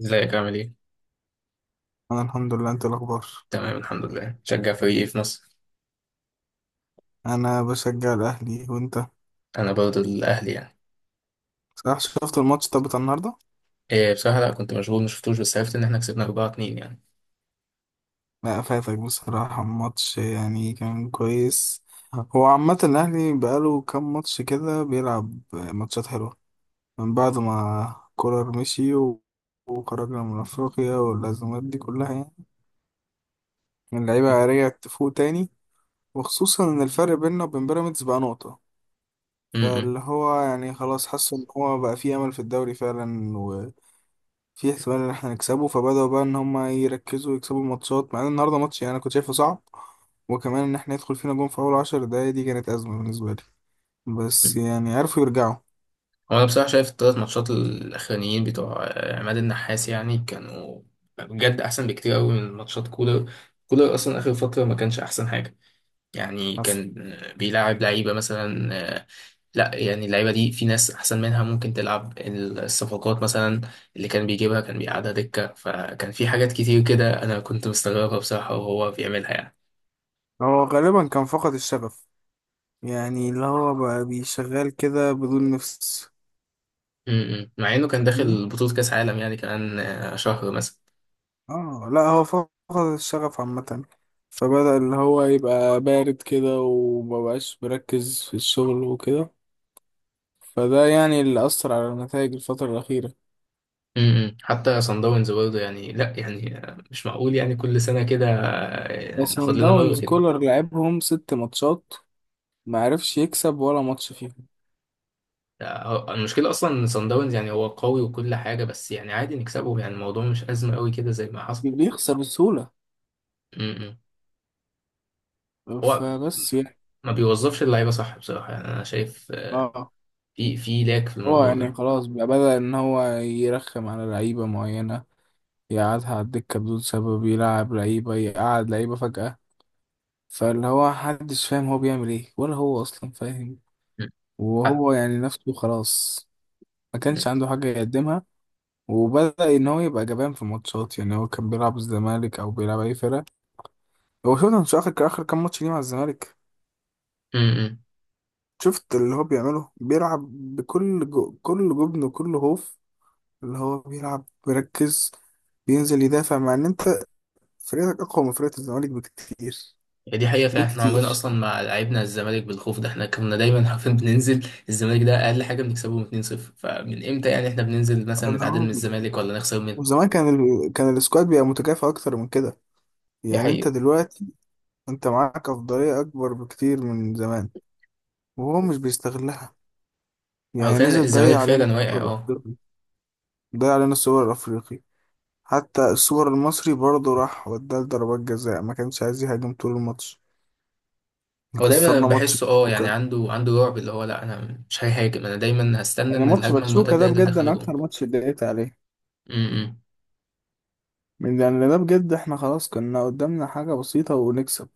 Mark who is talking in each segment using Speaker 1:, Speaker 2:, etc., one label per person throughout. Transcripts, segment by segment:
Speaker 1: ازيك عامل ايه؟
Speaker 2: انا الحمد لله. انت إيه الاخبار؟
Speaker 1: تمام، الحمد لله. شجع فريق ايه في مصر؟
Speaker 2: انا بشجع الاهلي، وانت؟
Speaker 1: انا برضه الاهلي يعني.
Speaker 2: صح، شفت الماتش طب بتاع النهارده؟
Speaker 1: إيه بصراحة، لا كنت مشغول مشفتوش، بس عرفت ان احنا كسبنا 4-2 يعني.
Speaker 2: لا فاتك بصراحه الماتش، يعني كان كويس. هو عامه الاهلي بقاله كام ماتش كده بيلعب ماتشات حلوه، من بعد ما كولر مشي وخرجنا من افريقيا والازمات دي كلها، يعني اللعيبه رجعت تفوق تاني. وخصوصا ان الفرق بيننا وبين بيراميدز بقى نقطه، فاللي
Speaker 1: امم،
Speaker 2: هو يعني خلاص حاسس ان هو بقى فيه امل في الدوري فعلا، في احتمال ان احنا نكسبه. فبدأوا بقى ان هم يركزوا يكسبوا الماتشات، مع ان النهارده ماتش يعني انا كنت شايفه صعب. وكمان ان احنا يدخل فينا جون في اول 10 دقايق، دي كانت ازمه بالنسبه لي. بس يعني عرفوا يرجعوا.
Speaker 1: هو انا بصراحة شايف الثلاث ماتشات الاخرانيين بتوع عماد النحاس يعني كانوا بجد احسن بكتير قوي من ماتشات كولر. كولر اصلا اخر فترة ما كانش احسن حاجة. يعني
Speaker 2: حصل.
Speaker 1: كان بيلاعب لعيبة مثلا لا يعني اللعيبه دي في ناس احسن منها ممكن تلعب. الصفقات مثلا اللي كان بيجيبها كان بيقعدها دكه، فكان في حاجات كتير كده انا كنت مستغربها بصراحه وهو بيعملها يعني.
Speaker 2: هو غالبا كان فقد الشغف، يعني اللي هو بقى بيشغال كده بدون نفس.
Speaker 1: امم، مع انه كان
Speaker 2: فاهمني،
Speaker 1: داخل بطوله كاس عالم يعني، كمان شهر مثلا.
Speaker 2: اه لا هو فقد الشغف عامه، فبدأ اللي هو يبقى بارد كده ومبقاش مركز في الشغل وكده. فده يعني اللي أثر على النتائج الفترة الأخيرة.
Speaker 1: امم، حتى صن داونز برضه، يعني لا يعني مش معقول يعني كل سنه كده ناخد
Speaker 2: سان
Speaker 1: لنا
Speaker 2: داونز
Speaker 1: مره كده.
Speaker 2: كولر لعبهم ست ماتشات، ما عرفش يكسب ولا ماتش فيهم.
Speaker 1: المشكله اصلا صن داونز يعني هو قوي وكل حاجه، بس يعني عادي نكسبه، يعني الموضوع مش ازمه قوي كده زي ما حصل.
Speaker 2: بيخسر بسهولة.
Speaker 1: امم. هو
Speaker 2: فبس يعني
Speaker 1: ما بيوظفش اللعيبه صح بصراحه، يعني انا شايف
Speaker 2: اه
Speaker 1: في لاك في
Speaker 2: هو
Speaker 1: الموضوع
Speaker 2: يعني
Speaker 1: ده.
Speaker 2: خلاص بقى بدأ إن هو يرخم على لعيبة معينة، يقعدها على الدكة بدون سبب، يلعب لعيبة يقعد لعيبة فجأة. فاللي هو محدش فاهم هو بيعمل ايه، ولا هو أصلا فاهم.
Speaker 1: مم. حق.
Speaker 2: وهو يعني نفسه خلاص، ما
Speaker 1: مم.
Speaker 2: كانش عنده حاجة يقدمها. وبدأ إن هو يبقى جبان في ماتشات، يعني هو كان بيلعب الزمالك أو بيلعب أي فرقة. هو شفت مش اخر اخر كام ماتش ليه مع الزمالك،
Speaker 1: مم.
Speaker 2: شفت اللي هو بيعمله بيلعب بكل كل جبن وكل خوف. اللي هو بيلعب بيركز، بينزل يدافع، مع ان انت فريقك اقوى من فريق الزمالك بكتير
Speaker 1: هي دي حقيقه فعلا، احنا عمرنا
Speaker 2: بكتير.
Speaker 1: اصلا مع لعيبنا الزمالك بالخوف ده، احنا كنا دايما عارفين بننزل الزمالك ده اقل حاجه بنكسبهم 2-0، فمن امتى يعني احنا بننزل مثلا
Speaker 2: اللي
Speaker 1: نتعادل من
Speaker 2: هو
Speaker 1: الزمالك ولا نخسر منه.
Speaker 2: وزمان كان كان السكواد بيبقى متكافئ اكتر من كده.
Speaker 1: دي
Speaker 2: يعني انت
Speaker 1: حقيقه.
Speaker 2: دلوقتي انت معاك افضلية اكبر بكتير من زمان، وهو مش بيستغلها.
Speaker 1: هو
Speaker 2: يعني
Speaker 1: فعلا
Speaker 2: نزل
Speaker 1: الزمالك
Speaker 2: ضيع علينا
Speaker 1: فعلا واقع
Speaker 2: السوبر
Speaker 1: اه.
Speaker 2: الافريقي، ضيع علينا السوبر الافريقي. حتى السوبر المصري برضه راح، وداه لضربات جزاء، ما كانش عايز يهاجم طول الماتش. إحنا
Speaker 1: هو دايما
Speaker 2: خسرنا ماتش
Speaker 1: بحسه اه، يعني
Speaker 2: باتشوكا.
Speaker 1: عنده رعب اللي هو لا، انا مش هيهاجم، انا دايما هستنى
Speaker 2: يعني
Speaker 1: ان
Speaker 2: ماتش
Speaker 1: الهجمه
Speaker 2: باتشوكا
Speaker 1: المرتده
Speaker 2: ده
Speaker 1: هي اللي
Speaker 2: بجد
Speaker 1: تدخل
Speaker 2: انا
Speaker 1: جون.
Speaker 2: اكتر ماتش اتضايقت عليه.
Speaker 1: م- م.
Speaker 2: من يعني ده بجد احنا خلاص كنا قدامنا حاجة بسيطة ونكسب.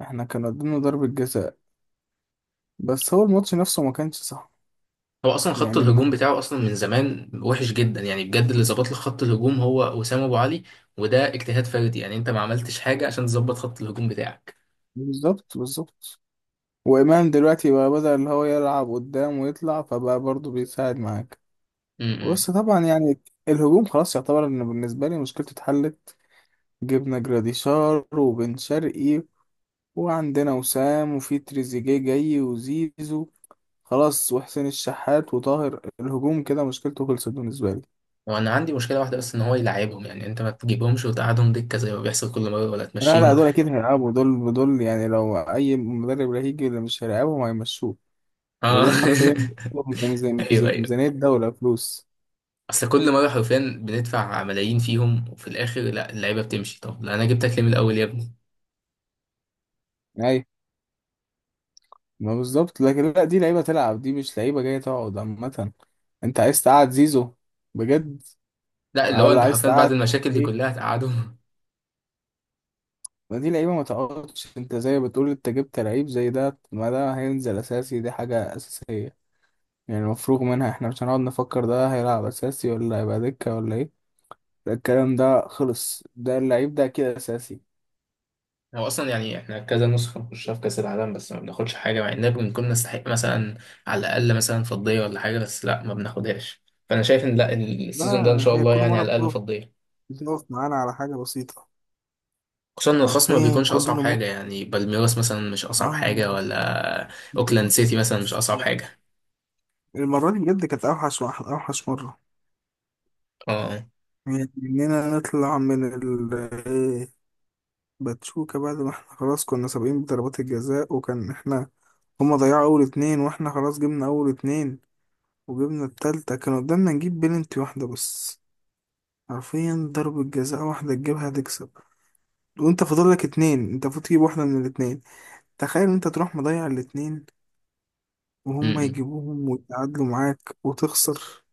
Speaker 2: احنا كان قدامنا ضربة جزاء، بس هو الماتش نفسه ما كانش صح.
Speaker 1: هو اصلا خط
Speaker 2: يعني انه
Speaker 1: الهجوم بتاعه اصلا من زمان وحش جدا يعني، بجد اللي ظبط لك خط الهجوم هو وسام ابو علي. وده اجتهاد فردي يعني، انت ما عملتش حاجه عشان تظبط خط الهجوم بتاعك.
Speaker 2: بالظبط بالظبط. وإمام دلوقتي بقى بدأ اللي هو يلعب قدام ويطلع، فبقى برضه بيساعد معاك.
Speaker 1: امم.
Speaker 2: بص طبعا يعني الهجوم خلاص يعتبر ان بالنسبة لي مشكلته اتحلت. جبنا جراديشار وبن شرقي، وعندنا وسام، وفي تريزيجيه جاي، وزيزو، خلاص، وحسين الشحات وطاهر. الهجوم كده مشكلته خلصت بالنسبة لي.
Speaker 1: وانا عندي مشكله واحده بس، ان هو يلعبهم. يعني انت ما تجيبهمش وتقعدهم دكه زي ما بيحصل كل مره ولا
Speaker 2: لا لا،
Speaker 1: تمشيهم.
Speaker 2: دول أكيد هيلعبوا. دول دول يعني لو أي مدرب لا هيجي اللي مش هيلعبهم هيمشوه، لأن
Speaker 1: اه.
Speaker 2: دول حرفيا ميزانية
Speaker 1: ايوه،
Speaker 2: ميزانية
Speaker 1: ايوه.
Speaker 2: ميزانية دولة فلوس.
Speaker 1: اصل كل مره حرفيا بندفع ملايين فيهم، وفي الاخر لا اللعيبه بتمشي. طب لا، انا جبتك ليه من الاول يا ابني؟
Speaker 2: أيوة، ما بالظبط. لكن لا، دي لعيبة تلعب، دي مش لعيبة جاية تقعد عامة. أنت عايز تقعد زيزو بجد
Speaker 1: لا، اللي هو
Speaker 2: ولا
Speaker 1: انت
Speaker 2: عايز
Speaker 1: حرفيا بعد
Speaker 2: تقعد؟
Speaker 1: المشاكل دي
Speaker 2: إيه؟
Speaker 1: كلها هتقعدهم؟
Speaker 2: ما دي لعيبه ما تقعدش. انت زي ما بتقول، انت جبت لعيب زي ده، ما ده هينزل اساسي، دي حاجه اساسيه. يعني مفروغ منها، احنا مش هنقعد نفكر ده هيلعب اساسي ولا هيبقى دكه ولا ايه. لا، الكلام ده خلص. ده اللعيب ده كده اساسي.
Speaker 1: هو اصلا يعني احنا كذا نسخه نخشها في كاس العالم، بس ما بناخدش حاجه، مع اننا بنكون نستحق مثلا على الاقل مثلا فضيه ولا حاجه، بس لا ما بناخدهاش. فانا شايف ان لا
Speaker 2: لا
Speaker 1: السيزون ده ان شاء
Speaker 2: هي
Speaker 1: الله
Speaker 2: كل
Speaker 1: يعني
Speaker 2: مرة
Speaker 1: على الاقل
Speaker 2: بتقف
Speaker 1: فضيه.
Speaker 2: بتقف معانا على حاجة بسيطة.
Speaker 1: خصوصا ان الخصم ما
Speaker 2: حرفيا
Speaker 1: بيكونش
Speaker 2: كل
Speaker 1: اصعب
Speaker 2: مرة،
Speaker 1: حاجه، يعني بالميراس مثلا مش اصعب
Speaker 2: اه،
Speaker 1: حاجه ولا اوكلاند
Speaker 2: بتقف.
Speaker 1: سيتي مثلا مش اصعب
Speaker 2: يعني
Speaker 1: حاجه.
Speaker 2: المرة دي بجد كانت أوحش واحد، أوحش مرة.
Speaker 1: اه.
Speaker 2: يعني إننا نطلع من باتشوكا بعد ما احنا خلاص كنا سابقين بضربات الجزاء، وكان احنا هما ضيعوا اول اتنين، واحنا خلاص جبنا اول اتنين، وجبنا التالتة، كان قدامنا نجيب بلنتي واحدة بس. حرفيا ضربة جزاء واحدة تجيبها تكسب، وانت فاضل لك اتنين. انت المفروض تجيب واحدة من الاتنين. تخيل انت تروح مضيع الاتنين، وهما
Speaker 1: امم.
Speaker 2: يجيبوهم ويتعادلوا معاك وتخسر.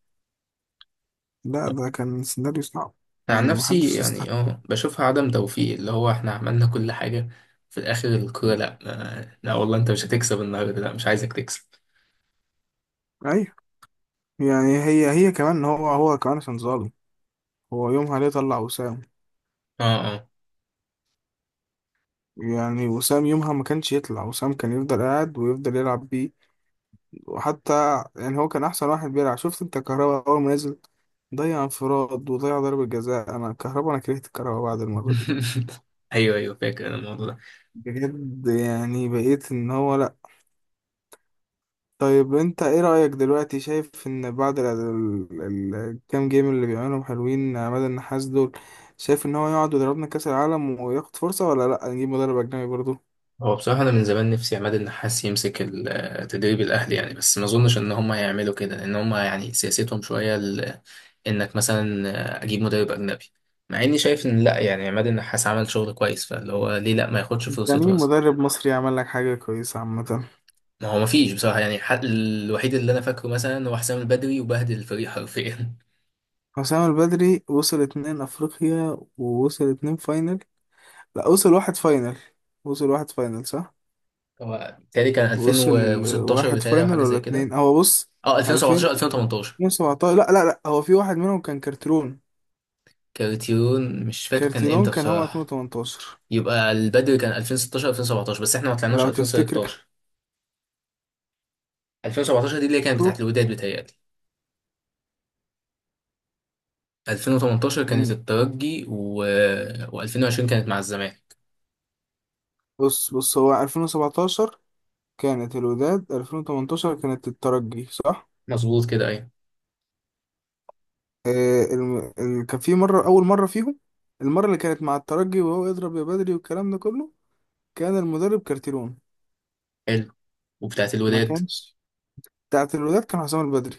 Speaker 2: لا ده كان سيناريو صعب.
Speaker 1: أنا عن
Speaker 2: يعني
Speaker 1: نفسي
Speaker 2: محدش
Speaker 1: يعني
Speaker 2: يستحمل.
Speaker 1: اه بشوفها عدم توفيق، اللي هو احنا عملنا كل حاجه في الاخر الكوره لا. لا والله انت مش هتكسب النهارده، لا مش عايزك تكسب.
Speaker 2: ايوه، يعني هي كمان هو كمان، عشان ظالم. هو يومها ليه طلع وسام؟
Speaker 1: اه، اه.
Speaker 2: يعني وسام يومها ما كانش يطلع، وسام كان يفضل قاعد ويفضل يلعب بيه. وحتى يعني هو كان احسن واحد بيلعب. شفت انت كهربا اول ما نزل، ضيع انفراد وضيع ضربة جزاء. انا كهربا انا كرهت كهربا بعد المرة دي،
Speaker 1: ايوه، ايوه، فاكر انا الموضوع ده.
Speaker 2: بجد. يعني بقيت ان هو لا. طيب انت ايه رأيك دلوقتي؟ شايف ان بعد الكام جيم اللي بيعملهم حلوين عماد النحاس دول، شايف ان هو يقعد ويضربنا كأس العالم وياخد فرصة، ولا لا نجيب مدرب اجنبي برضه؟
Speaker 1: هو بصراحه انا من زمان نفسي عماد النحاس يمسك التدريب الاهلي يعني، بس ما اظنش ان هم هيعملوا كده، لان هم يعني سياستهم شويه انك مثلا اجيب مدرب اجنبي. مع اني شايف ان لا يعني عماد النحاس عمل شغل كويس، فاللي هو ليه لا ما ياخدش
Speaker 2: انت
Speaker 1: فرصته
Speaker 2: مين
Speaker 1: مثلا؟
Speaker 2: مدرب مصري عمل لك حاجة كويسة عامة؟
Speaker 1: ما هو ما فيش بصراحه يعني، الحق الوحيد اللي انا فاكره مثلا هو حسام البدري، وبهدل الفريق حرفيا.
Speaker 2: حسام البدري وصل اتنين افريقيا، ووصل اتنين فاينل. لا وصل واحد فاينل. وصل واحد فاينل صح.
Speaker 1: هو بيتهيألي كان
Speaker 2: وصل
Speaker 1: 2016،
Speaker 2: واحد
Speaker 1: بيتهيألي او
Speaker 2: فاينل
Speaker 1: حاجه
Speaker 2: ولا
Speaker 1: زي كده.
Speaker 2: اتنين؟ هو بص،
Speaker 1: اه، 2017، 2018.
Speaker 2: 2017. لا لا لا، هو في واحد منهم كان كارتيرون.
Speaker 1: كارتيون مش فاكر كان
Speaker 2: كارتيرون
Speaker 1: امتى
Speaker 2: كان هو
Speaker 1: بصراحة.
Speaker 2: 2018،
Speaker 1: يبقى البدري كان 2016، 2017، بس احنا ما طلعناش
Speaker 2: لو تفتكر.
Speaker 1: 2016. 2017 دي اللي هي كانت بتاعت
Speaker 2: كارتيرون.
Speaker 1: الوداد بتهيألي. 2018 كانت
Speaker 2: مم.
Speaker 1: الترجي و2020 كانت مع الزمالك.
Speaker 2: بص بص، هو 2017 كانت الوداد، 2018 كانت الترجي، صح.
Speaker 1: مظبوط كده، ايوه.
Speaker 2: آه الم... كان في مرة. أول مرة فيهم، المرة اللي كانت مع الترجي، وهو يضرب يا بدري والكلام ده كله، كان المدرب كارتيرون.
Speaker 1: حلو. وبتاعت
Speaker 2: ما
Speaker 1: الوداد
Speaker 2: كانش. بتاعت الولاد كان حسام البدري.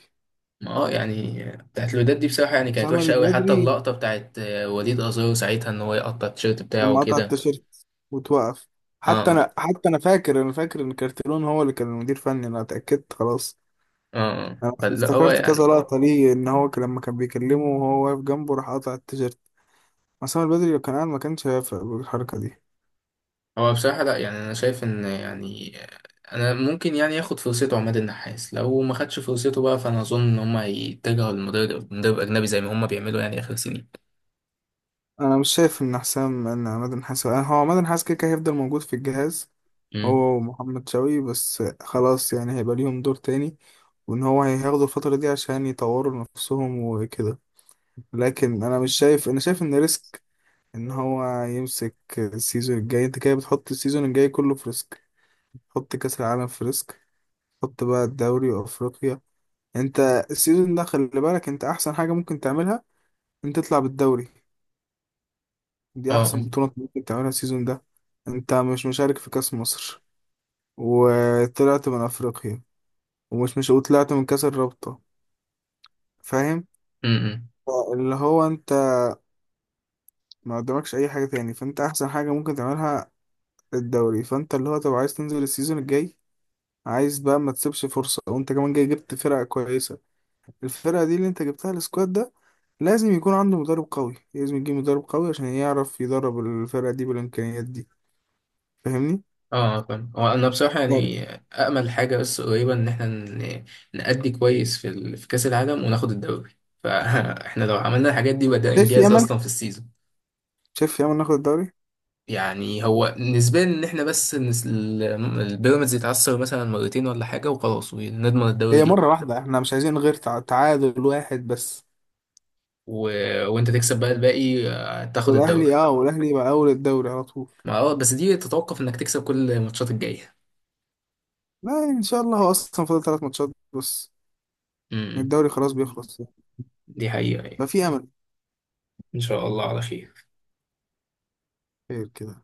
Speaker 1: ما اه يعني بتاعت الوداد دي بصراحة يعني كانت
Speaker 2: حسام
Speaker 1: وحشة قوي، حتى
Speaker 2: البدري
Speaker 1: اللقطة بتاعت وليد أزارو ساعتها ان هو يقطع التيشيرت بتاعه
Speaker 2: لما قطع
Speaker 1: وكده.
Speaker 2: التيشيرت وتوقف. حتى
Speaker 1: اه.
Speaker 2: انا حتى انا فاكر انا فاكر ان كارتيرون هو اللي كان المدير فني. انا اتاكدت خلاص.
Speaker 1: اه. آه.
Speaker 2: انا
Speaker 1: فاللي هو
Speaker 2: افتكرت كذا
Speaker 1: يعني
Speaker 2: لقطه ليه، ان هو لما كان بيكلمه وهو واقف جنبه راح قطع التيشيرت. حسام البدري لو كان قاعد ما كانش هيوافق بالحركه دي.
Speaker 1: هو بصراحة لا يعني أنا شايف إن يعني أنا ممكن يعني ياخد فرصته عماد النحاس، لو ما خدش فرصته بقى فأنا أظن إن هما يتجهوا لمدرب مدرب أجنبي زي ما هما بيعملوا يعني آخر سنين.
Speaker 2: انا مش شايف ان حسام ان عماد النحاس هو عماد النحاس كده كده هيفضل موجود في الجهاز،
Speaker 1: امم.
Speaker 2: هو ومحمد شوقي، بس خلاص يعني هيبقى ليهم دور تاني، وان هو هياخدوا الفترة دي عشان يطوروا نفسهم وكده. لكن انا مش شايف انا شايف ان ريسك ان هو يمسك السيزون الجاي. انت كده بتحط السيزون الجاي كله في ريسك. حط كأس العالم في ريسك. حط بقى الدوري وافريقيا. انت السيزون ده خلي بالك، انت احسن حاجة ممكن تعملها انت تطلع بالدوري. دي
Speaker 1: اه.
Speaker 2: احسن بطولة ممكن تعملها السيزون ده. انت مش مشارك في كأس مصر، وطلعت من افريقيا، ومش مش وطلعت من كاس الرابطة. فاهم.
Speaker 1: امم.
Speaker 2: اللي هو انت ما قدامكش اي حاجة تاني، فانت احسن حاجة ممكن تعملها الدوري. فانت اللي هو طب عايز تنزل السيزون الجاي، عايز بقى ما تسيبش فرصة، وانت كمان جاي جبت فرقة كويسة. الفرقة دي اللي انت جبتها، السكواد ده، لازم يكون عنده مدرب قوي، لازم يجيب مدرب قوي عشان يعرف يدرب الفرقة دي بالامكانيات دي. فاهمني؟
Speaker 1: اه. فاهم. هو أنا بصراحة
Speaker 2: يعني
Speaker 1: يعني أأمل حاجة بس قريبة إن إحنا نأدي كويس في في كأس العالم وناخد الدوري. فإحنا لو عملنا الحاجات دي بدأ
Speaker 2: شايف في
Speaker 1: إنجاز
Speaker 2: امل،
Speaker 1: أصلا في السيزون.
Speaker 2: شايف في امل ناخد الدوري.
Speaker 1: يعني هو نسبيا إن إحنا بس البيراميدز يتعثر مثلا مرتين ولا حاجة وخلاص ونضمن الدوري
Speaker 2: هي مرة
Speaker 1: لينا.
Speaker 2: واحدة، احنا مش عايزين غير تعادل واحد بس.
Speaker 1: و... وانت تكسب بقى الباقي، تاخد الدوري.
Speaker 2: والاهلي، اه، والاهلي يبقى اول الدوري على طول.
Speaker 1: ما اه بس دي تتوقف انك تكسب كل الماتشات الجاية.
Speaker 2: لا يعني ان شاء الله هو اصلا فاضل ثلاث ماتشات بس من
Speaker 1: امم.
Speaker 2: الدوري، خلاص بيخلص.
Speaker 1: دي حقيقة يعني.
Speaker 2: ففي امل.
Speaker 1: ان شاء الله على خير
Speaker 2: خير كده.